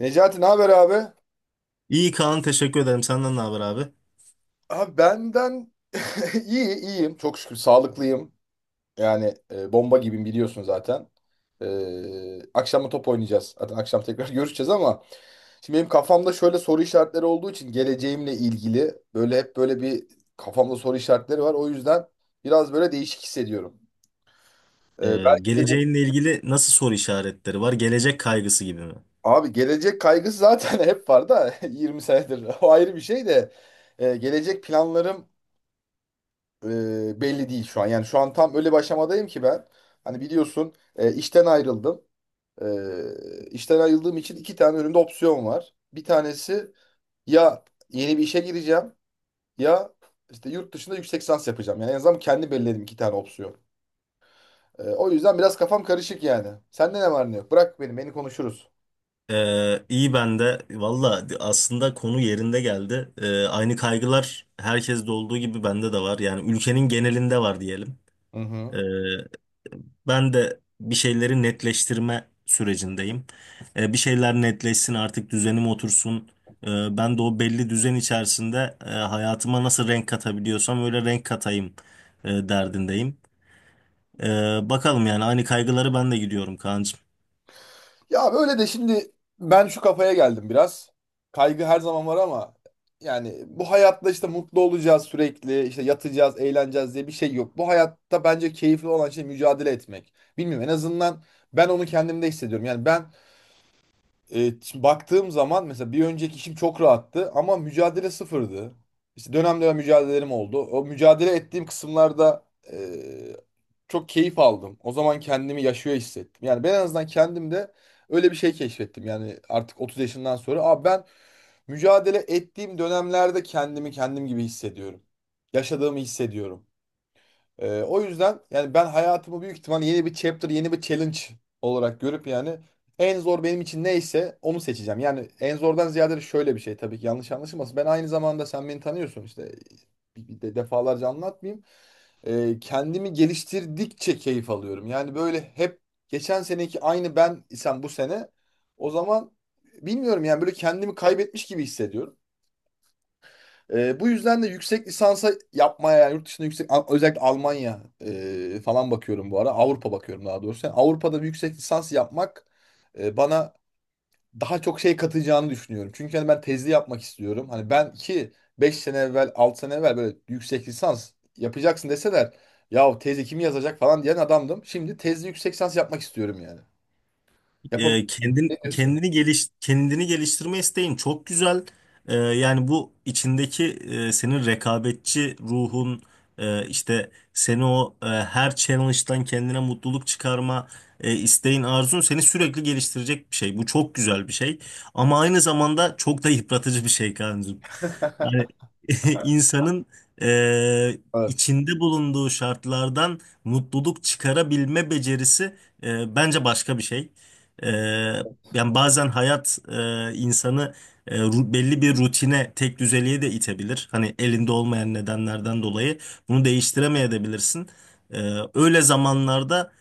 Necati ne haber abi? İyi Kaan teşekkür ederim. Senden ne haber abi? Abi benden iyi iyiyim, çok şükür sağlıklıyım. Yani bomba gibiyim biliyorsun zaten. Akşam da top oynayacağız. Zaten akşam tekrar görüşeceğiz ama şimdi benim kafamda şöyle soru işaretleri olduğu için, geleceğimle ilgili böyle hep böyle bir kafamda soru işaretleri var. O yüzden biraz böyle değişik hissediyorum. E, belki de bir- Geleceğinle ilgili nasıl soru işaretleri var? Gelecek kaygısı gibi mi? Abi, gelecek kaygısı zaten hep var da, 20 senedir o ayrı bir şey de. Gelecek planlarım belli değil şu an. Yani şu an tam öyle bir aşamadayım ki ben. Hani biliyorsun, işten ayrıldım. İşten ayrıldığım için iki tane önümde opsiyon var. Bir tanesi, ya yeni bir işe gireceğim, ya işte yurt dışında yüksek lisans yapacağım. Yani en azından kendi belirledim iki tane opsiyon. O yüzden biraz kafam karışık yani. Sende ne var ne yok? Bırak beni, beni konuşuruz. İyi ben de. Valla aslında konu yerinde geldi. Aynı kaygılar herkeste olduğu gibi bende de var. Yani ülkenin genelinde var diyelim. Hı Ee, hı. Ben de bir şeyleri netleştirme sürecindeyim. Bir şeyler netleşsin artık düzenim otursun. Ben de o belli düzen içerisinde hayatıma nasıl renk katabiliyorsam öyle renk katayım derdindeyim. Bakalım yani aynı kaygıları ben de gidiyorum Kaan'cığım. Ya böyle de şimdi ben şu kafaya geldim biraz. Kaygı her zaman var, ama yani bu hayatta işte mutlu olacağız sürekli, işte yatacağız, eğleneceğiz diye bir şey yok. Bu hayatta bence keyifli olan şey mücadele etmek. Bilmiyorum, en azından ben onu kendimde hissediyorum. Yani ben, şimdi baktığım zaman mesela bir önceki işim çok rahattı ama mücadele sıfırdı. İşte dönem dönem mücadelelerim oldu. O mücadele ettiğim kısımlarda, e, çok keyif aldım. O zaman kendimi yaşıyor hissettim. Yani ben en azından kendimde öyle bir şey keşfettim. Yani artık 30 yaşından sonra abi, ben mücadele ettiğim dönemlerde kendimi kendim gibi hissediyorum. Yaşadığımı hissediyorum. O yüzden yani ben hayatımı büyük ihtimal yeni bir chapter, yeni bir challenge olarak görüp, yani en zor benim için neyse onu seçeceğim. Yani en zordan ziyade de şöyle bir şey, tabii ki yanlış anlaşılmasın. Ben aynı zamanda sen beni tanıyorsun işte, bir de defalarca anlatmayayım. Kendimi geliştirdikçe keyif alıyorum. Yani böyle hep geçen seneki aynı ben isem bu sene, o zaman bilmiyorum yani, böyle kendimi kaybetmiş gibi hissediyorum. Bu yüzden de yüksek lisansa yapmaya, yani yurt dışında, özellikle Almanya falan bakıyorum bu ara. Avrupa bakıyorum daha doğrusu. Yani Avrupa'da bir yüksek lisans yapmak bana daha çok şey katacağını düşünüyorum. Çünkü hani ben tezli yapmak istiyorum. Hani ben ki 5 sene evvel, 6 sene evvel böyle yüksek lisans yapacaksın deseler, ya tezi kim yazacak falan diyen adamdım. Şimdi tezli yüksek lisans yapmak istiyorum yani. Yapabilir miyim? Ne diyorsun? Kendini geliştirme isteğin çok güzel. Yani bu içindeki senin rekabetçi ruhun işte seni her challenge'dan kendine mutluluk çıkarma isteğin arzun seni sürekli geliştirecek bir şey. Bu çok güzel bir şey. Ama aynı zamanda çok da yıpratıcı bir şey Kaan'cığım. Hani insanın eee, Evet. içinde bulunduğu şartlardan mutluluk çıkarabilme becerisi bence başka bir şey. Eee, Yani bazen hayat insanı belli bir rutine, tek düzeliğe de itebilir. Hani elinde olmayan nedenlerden dolayı bunu değiştiremeyebilirsin. Öyle zamanlarda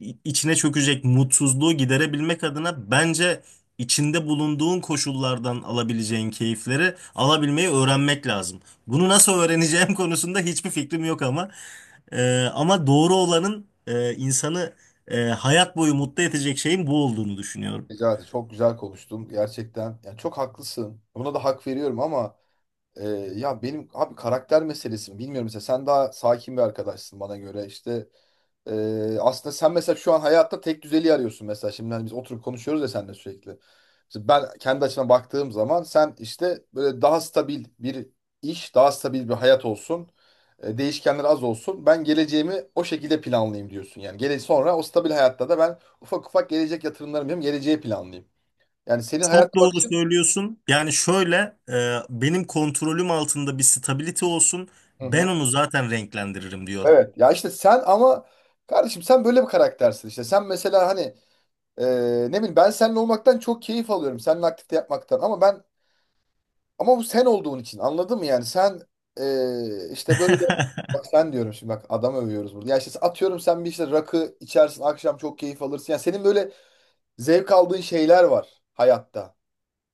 içine çökecek mutsuzluğu giderebilmek adına bence içinde bulunduğun koşullardan alabileceğin keyifleri alabilmeyi öğrenmek lazım. Bunu nasıl öğreneceğim konusunda hiçbir fikrim yok ama ama doğru olanın insanı hayat boyu mutlu edecek şeyin bu olduğunu düşünüyorum. Necati çok güzel konuştun gerçekten. Yani çok haklısın. Buna da hak veriyorum, ama Ee, ya benim abi karakter meselesi mi bilmiyorum, mesela sen daha sakin bir arkadaşsın bana göre işte. Aslında sen mesela şu an hayatta tek düzeliği arıyorsun, mesela şimdi hani biz oturup konuşuyoruz ya seninle sürekli. Mesela ben kendi açımdan baktığım zaman sen işte böyle daha stabil bir iş, daha stabil bir hayat olsun, değişkenler az olsun, ben geleceğimi o şekilde planlayayım diyorsun yani, gele sonra o stabil hayatta da ben ufak ufak gelecek yatırımlarımı yapayım, geleceği planlayayım, yani senin Çok hayat doğru bakışın. söylüyorsun. Yani şöyle benim kontrolüm altında bir stability olsun. Hı Ben hı. onu zaten renklendiririm diyorum. Evet ya, işte sen ama kardeşim, sen böyle bir karaktersin işte. Sen mesela hani, e, ne bileyim, ben seninle olmaktan çok keyif alıyorum. Seninle aktifte yapmaktan, ama ben, ama bu sen olduğun için, anladın mı yani? Sen işte böyle, bak sen diyorum şimdi, bak adam övüyoruz burada. Ya işte atıyorum sen bir işte rakı içersin akşam, çok keyif alırsın. Yani senin böyle zevk aldığın şeyler var hayatta.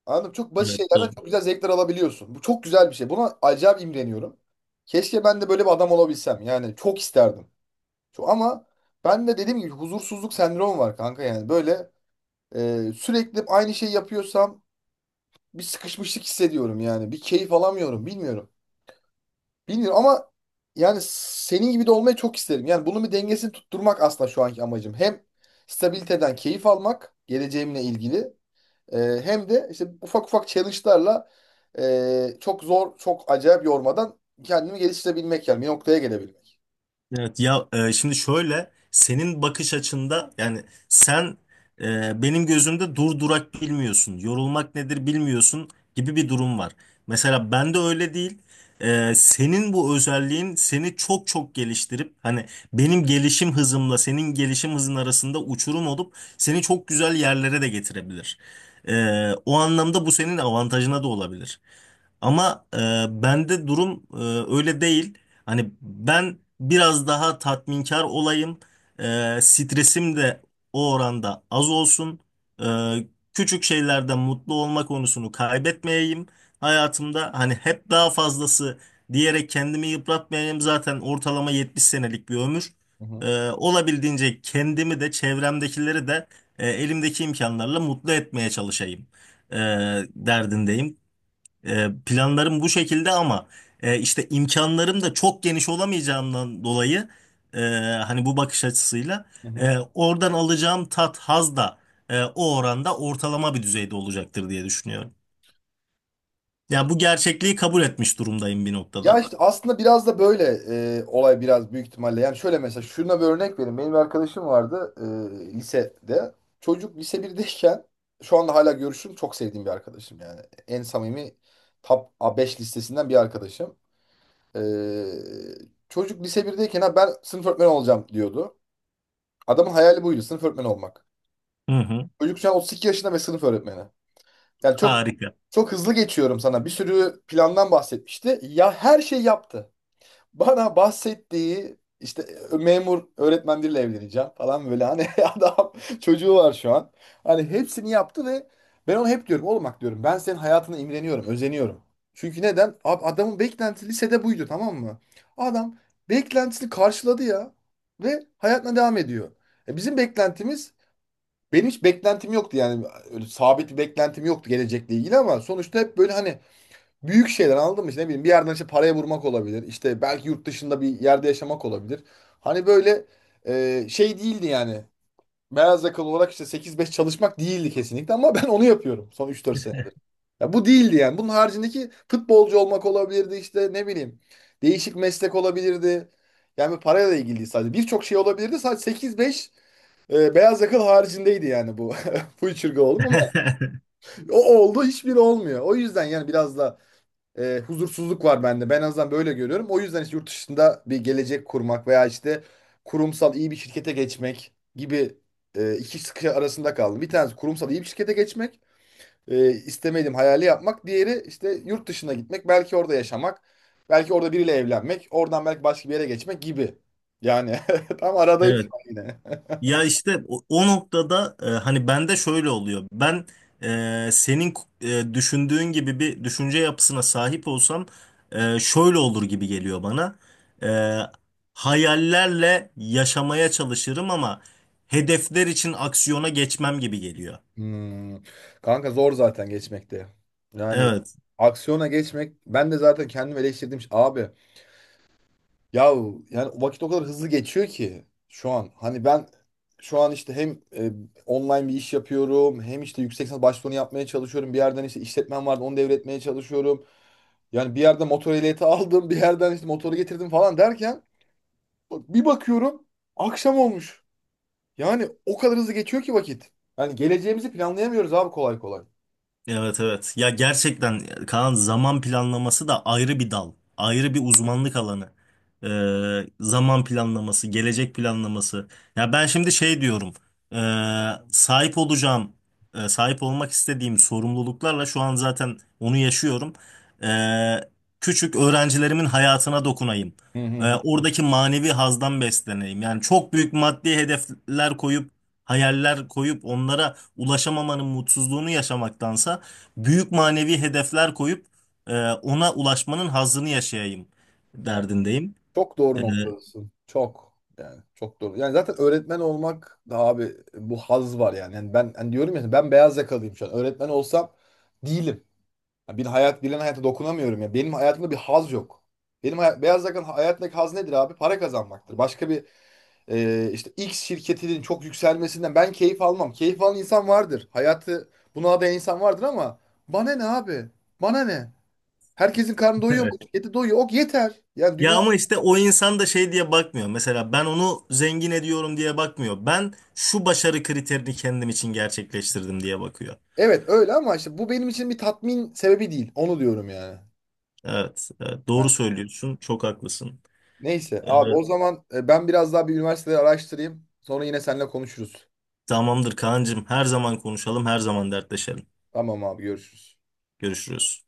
Anladın mı? Çok basit Evet, şeylerden doğru. çok güzel zevkler alabiliyorsun. Bu çok güzel bir şey. Buna acayip imreniyorum. Keşke ben de böyle bir adam olabilsem. Yani çok isterdim. Ama ben de dediğim gibi huzursuzluk sendromu var kanka yani. Böyle, sürekli aynı şeyi yapıyorsam bir sıkışmışlık hissediyorum yani. Bir keyif alamıyorum, bilmiyorum. Bilmiyorum ama yani senin gibi de olmayı çok isterim. Yani bunun bir dengesini tutturmak aslında şu anki amacım. Hem stabiliteden keyif almak geleceğimle ilgili, e, hem de işte ufak ufak challenge'larla, çok zor, çok acayip yormadan kendimi geliştirebilmek, yani bir noktaya gelebilmek. Evet ya şimdi şöyle senin bakış açında yani sen benim gözümde dur durak bilmiyorsun, yorulmak nedir bilmiyorsun gibi bir durum var. Mesela ben de öyle değil. Senin bu özelliğin seni çok çok geliştirip hani benim gelişim hızımla senin gelişim hızın arasında uçurum olup seni çok güzel yerlere de getirebilir. E, O anlamda bu senin avantajına da olabilir. Ama bende durum öyle değil. Hani ben biraz daha tatminkar olayım. Stresim de o oranda az olsun. Ee, Küçük şeylerde mutlu olma konusunu kaybetmeyeyim. Hayatımda hani hep daha fazlası diyerek kendimi yıpratmayayım. Zaten ortalama 70 senelik bir ömür. Hı hı. Olabildiğince kendimi de çevremdekileri de elimdeki imkanlarla mutlu etmeye çalışayım. e, Derdindeyim. Planlarım bu şekilde ama işte imkanlarım da çok geniş olamayacağından dolayı e, hani bu bakış açısıyla Hı hı. Oradan alacağım tat, haz da o oranda ortalama bir düzeyde olacaktır diye düşünüyorum. Ya bu gerçekliği kabul etmiş durumdayım bir Ya noktada. işte aslında biraz da böyle, olay biraz büyük ihtimalle. Yani şöyle, mesela şuna bir örnek vereyim. Benim bir arkadaşım vardı, lisede. Çocuk lise birdeyken, şu anda hala görüşüm, çok sevdiğim bir arkadaşım yani. En samimi top A5 listesinden bir arkadaşım. E, Çocuk lise birdeyken ha, ben sınıf öğretmeni olacağım diyordu. Adamın hayali buydu, sınıf öğretmeni olmak. Hı hı. Çocuk şu an 32 yaşında ve sınıf öğretmeni. Yani çok Harika. çok hızlı geçiyorum sana. Bir sürü plandan bahsetmişti. Ya her şey yaptı. Bana bahsettiği işte memur öğretmen biriyle evleneceğim falan böyle hani adam, çocuğu var şu an. Hani hepsini yaptı ve ben ona hep diyorum, oğlum bak diyorum, ben senin hayatına imreniyorum, özeniyorum. Çünkü neden? Adamın beklentisi lisede buydu, tamam mı? Adam beklentisini karşıladı ya ve hayatına devam ediyor. E bizim beklentimiz Benim hiç beklentim yoktu yani, öyle sabit bir beklentim yoktu gelecekle ilgili, ama sonuçta hep böyle hani büyük şeyler, anladın mı? İşte ne bileyim, bir yerden işte paraya vurmak olabilir. İşte belki yurt dışında bir yerde yaşamak olabilir. Hani böyle, şey değildi yani. Beyaz yakalı olarak işte 8-5 çalışmak değildi kesinlikle, ama ben onu yapıyorum son 3 4 sene. Ya bu değildi yani. Bunun haricindeki futbolcu olmak olabilirdi, işte ne bileyim. Değişik meslek olabilirdi. Yani parayla ilgili değil sadece. Birçok şey olabilirdi. Sadece 8-5 beyaz yakalı haricindeydi yani bu. Bu çırgı oldum ama o oldu, hiçbiri olmuyor. O yüzden yani biraz da, huzursuzluk var bende. Ben en azından böyle görüyorum. O yüzden işte yurt dışında bir gelecek kurmak veya işte kurumsal iyi bir şirkete geçmek gibi, iki sıkı arasında kaldım. Bir tanesi kurumsal iyi bir şirkete geçmek, istemediğim hayali yapmak. Diğeri işte yurt dışına gitmek, belki orada yaşamak, belki orada biriyle evlenmek, oradan belki başka bir yere geçmek gibi. Yani tam aradayım şu Evet. an yine. Ya işte o noktada hani bende şöyle oluyor. Ben senin düşündüğün gibi bir düşünce yapısına sahip olsam şöyle olur gibi geliyor bana. E, Hayallerle yaşamaya çalışırım ama hedefler için aksiyona geçmem gibi geliyor. Hmm. Kanka zor zaten geçmekte. Yani Evet. aksiyona geçmek, ben de zaten kendimi eleştirdim. Abi, ya yani vakit o kadar hızlı geçiyor ki şu an. Hani ben şu an işte hem e, online bir iş yapıyorum, hem işte yüksek lisans başvurunu yapmaya çalışıyorum. Bir yerden işte işletmem vardı, onu devretmeye çalışıyorum. Yani bir yerden motor ehliyeti aldım, bir yerden işte motoru getirdim falan derken bir bakıyorum akşam olmuş. Yani o kadar hızlı geçiyor ki vakit. Yani geleceğimizi planlayamıyoruz abi, kolay kolay. Evet, evet. Ya gerçekten Kaan, zaman planlaması da ayrı bir dal. Ayrı bir uzmanlık alanı. Zaman planlaması, gelecek planlaması. Ya ben şimdi şey diyorum. ee, sahip olacağım, Sahip olmak istediğim sorumluluklarla şu an zaten onu yaşıyorum. Ee, Küçük öğrencilerimin hayatına dokunayım. Hı hı hı. Oradaki manevi hazdan besleneyim. Yani çok büyük maddi hedefler koyup, hayaller koyup onlara ulaşamamanın mutsuzluğunu yaşamaktansa büyük manevi hedefler koyup ona ulaşmanın hazzını yaşayayım derdindeyim. Çok E, doğru noktadasın. Çok. Yani çok doğru. Yani zaten öğretmen olmak da abi, bu haz var yani. Yani ben hani diyorum ya, ben beyaz yakalıyım şu an. Öğretmen olsam değilim. Ya bir hayat bilen hayata dokunamıyorum ya. Benim hayatımda bir haz yok. Benim hayat, beyaz yakalı hayattaki haz nedir abi? Para kazanmaktır. Başka bir, işte X şirketinin çok yükselmesinden ben keyif almam. Keyif alan insan vardır. Hayatı buna adayan insan vardır, ama bana ne abi? Bana ne? Herkesin karnı doyuyor mu? Evet. Şirketi doyuyor. Ok, yeter. Yani Ya dünya ama işte o insan da şey diye bakmıyor. Mesela ben onu zengin ediyorum diye bakmıyor. Ben şu başarı kriterini kendim için gerçekleştirdim diye bakıyor. Evet öyle, ama işte bu benim için bir tatmin sebebi değil. Onu diyorum yani. Evet, evet, Ha, doğru söylüyorsun. Çok haklısın. neyse E, abi, o zaman ben biraz daha bir üniversiteleri araştırayım. Sonra yine seninle konuşuruz. Tamamdır Kaan'cığım. Her zaman konuşalım, her zaman dertleşelim. Tamam abi, görüşürüz. Görüşürüz.